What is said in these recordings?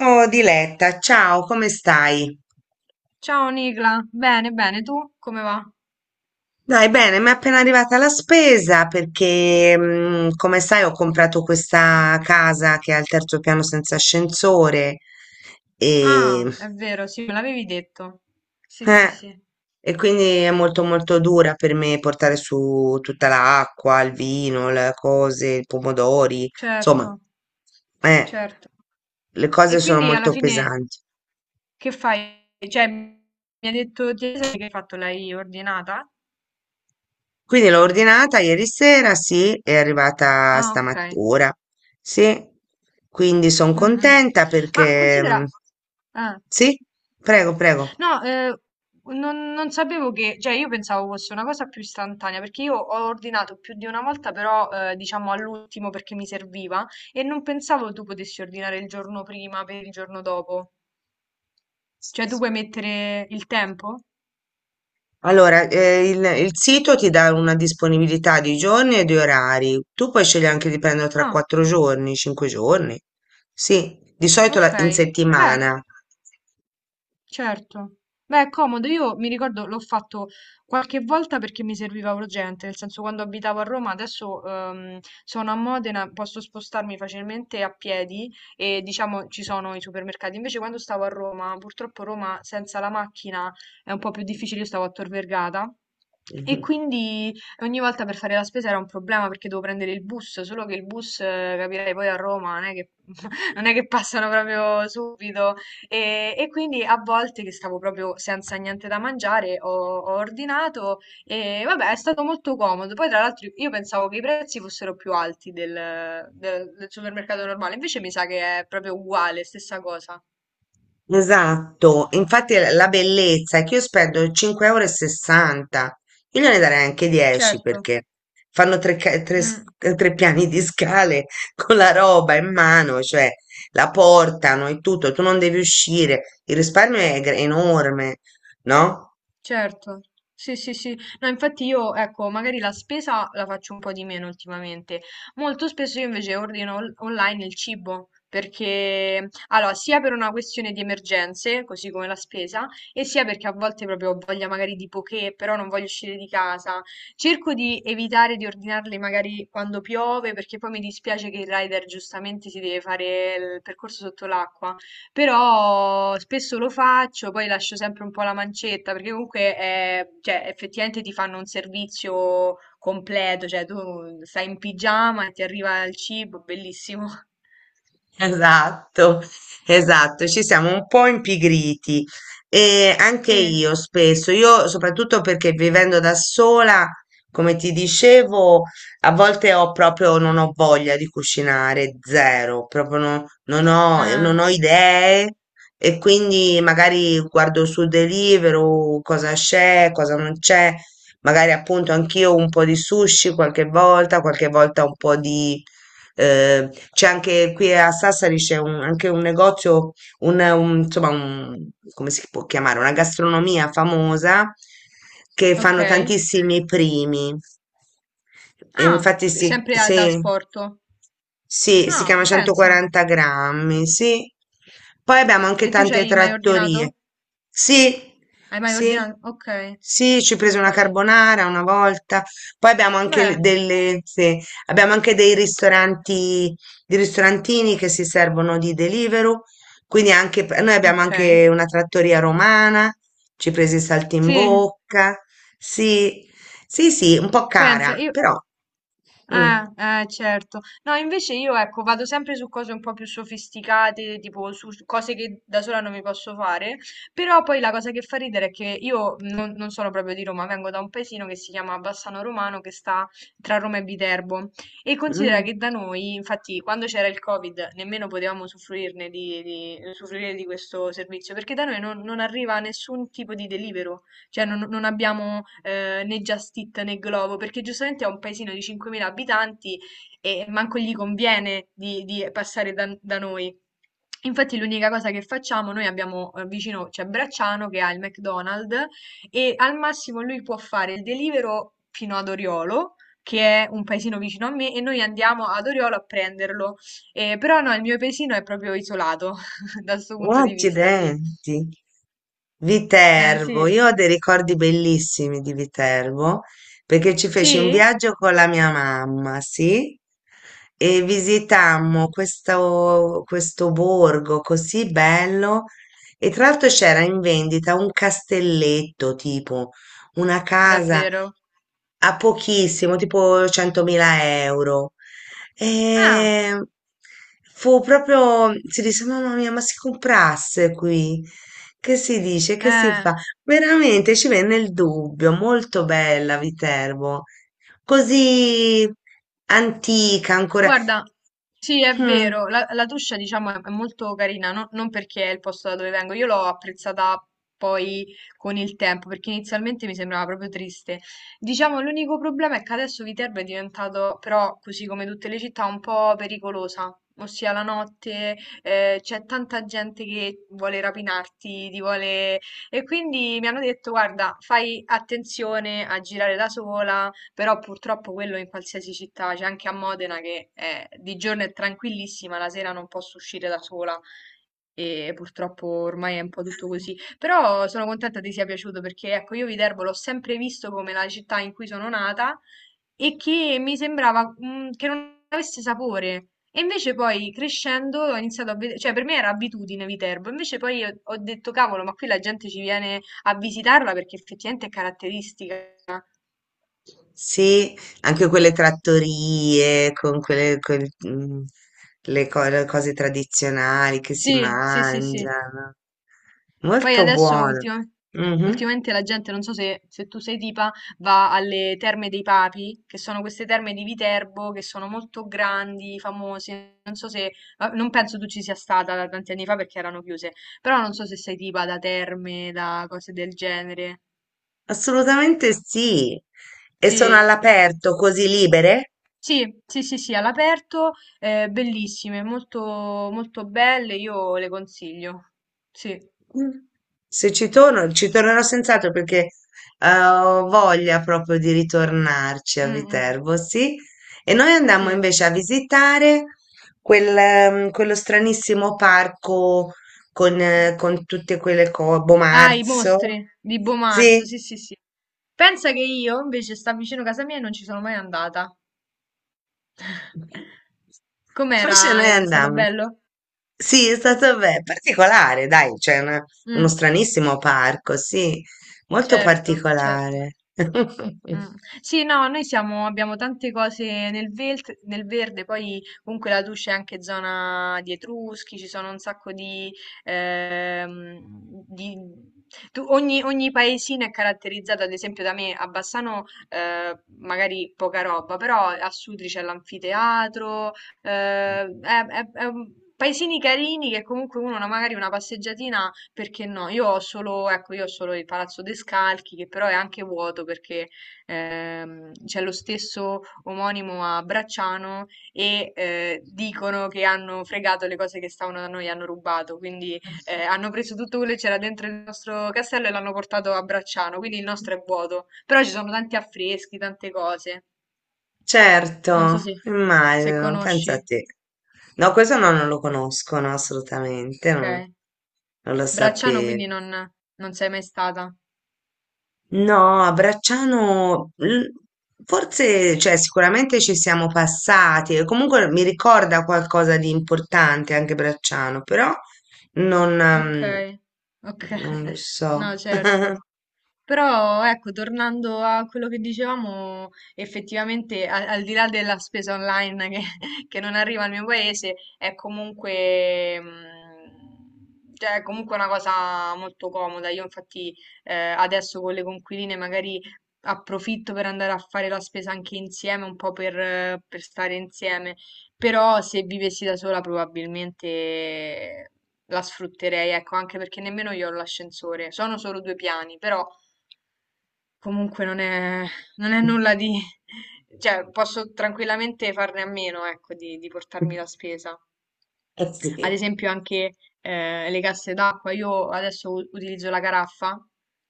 Oh Diletta, ciao, come stai? Ciao Nicla, bene, bene, tu come va? Dai, bene, mi è appena arrivata la spesa perché, come sai, ho comprato questa casa che ha il terzo piano senza ascensore e, Ah, è vero, sì, me l'avevi detto. Sì, sì, eh, sì, e quindi è molto molto dura per me portare su tutta l'acqua, il vino, le cose, i pomodori, insomma, certo, eh, certo. le E cose sono quindi alla molto fine pesanti. che fai? Cioè, mi ha detto che hai fatto, l'hai ordinata? Quindi l'ho ordinata ieri sera, sì, è arrivata Ah, ok. stamattina, sì. Quindi sono Mm, mm. contenta Ma perché, mm, considera. Ah. sì, prego, prego. No, non sapevo che, cioè io pensavo fosse una cosa più istantanea, perché io ho ordinato più di una volta, però diciamo all'ultimo perché mi serviva e non pensavo tu potessi ordinare il giorno prima per il giorno dopo. Cioè tu puoi mettere il tempo? Allora, il sito ti dà una disponibilità di giorni e di orari. Tu puoi scegliere anche di prenderlo tra Ah, 4 giorni, 5 giorni. Sì, di solito ok. In Beh, settimana. certo. Beh, è comodo. Io mi ricordo l'ho fatto qualche volta perché mi serviva urgente, nel senso quando abitavo a Roma, adesso sono a Modena, posso spostarmi facilmente a piedi e diciamo ci sono i supermercati. Invece quando stavo a Roma, purtroppo Roma senza la macchina è un po' più difficile, io stavo a Tor Vergata. E Mhm. quindi ogni volta per fare la spesa era un problema perché dovevo prendere il bus, solo che il bus, capirei, poi a Roma non è che, non è che passano proprio subito. E quindi a volte che stavo proprio senza niente da mangiare ho ordinato e vabbè è stato molto comodo. Poi tra l'altro io pensavo che i prezzi fossero più alti del supermercato normale, invece mi sa che è proprio uguale, stessa cosa. Esatto, infatti la bellezza è che io spendo 5,60 euro, e sessanta, io gliene darei anche 10 Certo. perché fanno tre, ca- tre s- Mm. tre piani di scale con la roba in mano, cioè la portano e tutto, tu non devi uscire, il risparmio è enorme, no? Certo, sì, sì, sì. No, infatti io, ecco, magari la spesa la faccio un po' di meno ultimamente. Molto spesso io invece ordino online il cibo, perché, allora, sia per una questione di emergenze, così come la spesa, e sia perché a volte proprio ho voglia magari di poché, però non voglio uscire di casa. Cerco di evitare di ordinarli magari quando piove, perché poi mi dispiace che il rider giustamente si deve fare il percorso sotto l'acqua. Però spesso lo faccio, poi lascio sempre un po' la mancetta, perché comunque è- cioè, effettivamente ti fanno un servizio completo, cioè tu stai in pigiama e ti arriva il cibo, bellissimo. Esatto, esatto, ci siamo un po' impigriti e anche Sì, io spesso, io soprattutto perché vivendo da sola, come ti dicevo, a volte ho proprio, non ho voglia di cucinare, zero, proprio no- non ho, non ah, ho idee e quindi magari guardo su Deliveroo cosa c'è, cosa non c'è, magari appunto anch'io un po' di sushi qualche volta un po' di c'è anche qui a Sassari c'è anche un negozio, insomma, come si può chiamare? Una gastronomia famosa che ok. fanno tantissimi primi. E Ah, infatti, sì, sempre da sì. asporto. Sì, si Ah, chiama pensa. 140 grammi, sì. Poi abbiamo anche E tu ci tante hai mai ordinato? trattorie. Sì, Hai mai sì, ordinato? Ok, sì, ci ho preso ok. una carbonara una volta. Poi abbiamo anche Beh, delle, sì, abbiamo anche dei ristoranti, di ristorantini che si servono di Deliveroo. Quindi anche, noi abbiamo ok. anche una trattoria romana, ci ho preso i Sì, saltimbocca. Sì, sì, sì, un po' cara, pensa, io. però. Mm, Eh, eh, certo. No, invece io, ecco, vado sempre su cose un po' più sofisticate, tipo su cose che da sola non mi posso fare, però poi la cosa che fa ridere è che io non sono proprio di Roma, vengo da un paesino che si chiama Bassano Romano, che sta tra Roma e Viterbo, e considera mm. che da noi, infatti, quando c'era il Covid, nemmeno potevamo usufruirne usufruire di questo servizio, perché da noi non arriva nessun tipo di delivero. Cioè non abbiamo, né Just Eat né Glovo, perché giustamente è un paesino di 5.000 abitanti e manco gli conviene di passare da noi. Infatti l'unica cosa che facciamo, noi abbiamo, vicino c'è Bracciano che ha il McDonald's e al massimo lui può fare il Deliveroo fino ad Oriolo, che è un paesino vicino a me, e noi andiamo ad Oriolo a prenderlo. Però no, il mio paesino è proprio isolato da 'sto punto di vista, sì. Accidenti. Ehm, Viterbo, sì. io ho dei ricordi bellissimi di Viterbo perché ci feci un Sì? viaggio con la mia mamma, sì, e visitammo questo borgo così bello e tra l'altro c'era in vendita un castelletto, tipo una casa Davvero? a pochissimo, tipo 100.000 euro. Ah, E fu proprio, si disse, mamma mia, ma si comprasse qui? Che si dice? Che si eh. fa? Veramente ci venne il dubbio, molto bella Viterbo, così antica ancora. Guarda, sì, è Mm, vero, la Tuscia diciamo è molto carina, non perché è il posto da dove vengo, io l'ho apprezzata poi con il tempo, perché inizialmente mi sembrava proprio triste. Diciamo, l'unico problema è che adesso Viterbo è diventato, però, così come tutte le città, un po' pericolosa. Ossia, la notte, c'è tanta gente che vuole rapinarti, ti vuole. E quindi mi hanno detto, guarda, fai attenzione a girare da sola. Però purtroppo quello in qualsiasi città, c'è anche a Modena che di giorno è tranquillissima, la sera non posso uscire da sola e purtroppo ormai è un po' tutto così. Però sono contenta ti sia piaciuto perché ecco, io Viterbo l'ho sempre visto come la città in cui sono nata e che mi sembrava che non avesse sapore. E invece poi crescendo ho iniziato a vedere, cioè per me era abitudine Viterbo, invece poi io ho detto cavolo, ma qui la gente ci viene a visitarla perché effettivamente è caratteristica. sì, anche quelle trattorie con quelle, le cose tradizionali che si Sì, sì, sì, sì. mangiano. Poi Molto adesso buono. Ultimamente la gente, non so se, tu sei tipa, va alle Terme dei Papi, che sono queste terme di Viterbo, che sono molto grandi, famose. Non so se, ah, non penso tu ci sia stata da tanti anni fa perché erano chiuse, però non so se sei tipa da terme, da cose del genere. Assolutamente sì. E sono Sì. all'aperto, così libere? Sì, sì, sì, sì, all'aperto, bellissime, molto, molto belle, io le consiglio. Sì, Mm. Se ci torno, ci tornerò senz'altro perché ho voglia proprio di ritornarci a mm, mm. Viterbo, sì. E noi andammo Sì. invece a visitare quello stranissimo parco con tutte quelle cose, Ah, i Bomarzo. mostri di Bo Marzo, Sì, sì, sì, sì. Pensa che io invece sta vicino a casa mia e non ci sono mai andata. invece Com'era? noi È stato andammo. bello? Sì, è stato particolare, dai, c'è uno Mm, stranissimo parco, sì, molto certo, certo. particolare. Mm. Sì, no, noi siamo, abbiamo tante cose nel, nel verde, poi comunque la Tuscia è anche zona di Etruschi, ci sono un sacco di. ehm, di- Ogni paesino è caratterizzato, ad esempio da me a Bassano magari poca roba, però a Sutri c'è l'anfiteatro, eh, è- paesini carini che comunque uno magari una passeggiatina perché no? Io ho solo, ecco, io ho solo il Palazzo De Scalchi, che però è anche vuoto perché c'è lo stesso omonimo a Bracciano e dicono che hanno fregato le cose che stavano da noi, hanno rubato, quindi hanno preso tutto quello che c'era dentro il nostro castello e l'hanno portato a Bracciano, quindi il nostro è vuoto. Però ci sono tanti affreschi, tante cose. Non so Certo, se, immagino, pensa conosci, a te. No, questo no, non lo conoscono assolutamente, non, ok. non lo Bracciano sapevo. quindi non sei mai stata. No, a Bracciano, forse, cioè, sicuramente ci siamo passati, e comunque mi ricorda qualcosa di importante anche Bracciano, però non, Ok, ehm, ok. non lo so. No, certo. Però ecco, tornando a quello che dicevamo, effettivamente al, di là della spesa online che, che non arriva al mio paese, è comunque, cioè, è comunque una cosa molto comoda. Io infatti adesso con le conquiline magari approfitto per andare a fare la spesa anche insieme, un po' per stare insieme. Però se vivessi da sola probabilmente la sfrutterei, ecco, anche perché nemmeno io ho l'ascensore. Sono solo 2 piani, però. Comunque non è nulla di. Cioè posso tranquillamente farne a meno, ecco, di portarmi la spesa. Eh sì. Ad esempio anche le casse d'acqua, io adesso utilizzo la caraffa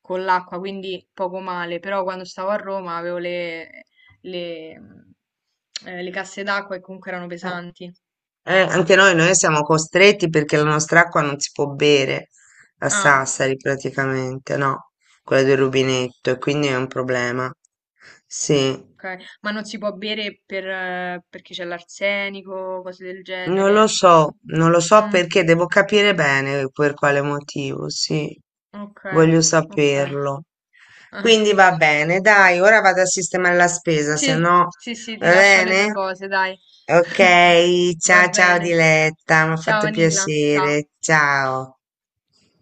con l'acqua, quindi poco male, però quando stavo a Roma avevo le, mh, le casse d'acqua e comunque erano Eh, pesanti. Anche noi, siamo costretti perché la nostra acqua non si può bere a Ah, Sassari praticamente, no? Quella del rubinetto, e quindi è un problema. Sì. ok, ma non si può bere perché c'è l'arsenico, cose del Non lo genere. so, non lo so Mm, perché, devo capire bene per quale motivo, sì, ok, voglio ok. saperlo. Ah, Quindi va bene, dai, ora vado a sistemare la spesa, se sì, no sì, sì, ti va lascio alle tue bene? cose, dai. Ok, Va ciao ciao bene. Diletta, mi ha Ciao fatto Nicla, ciao. piacere, ciao.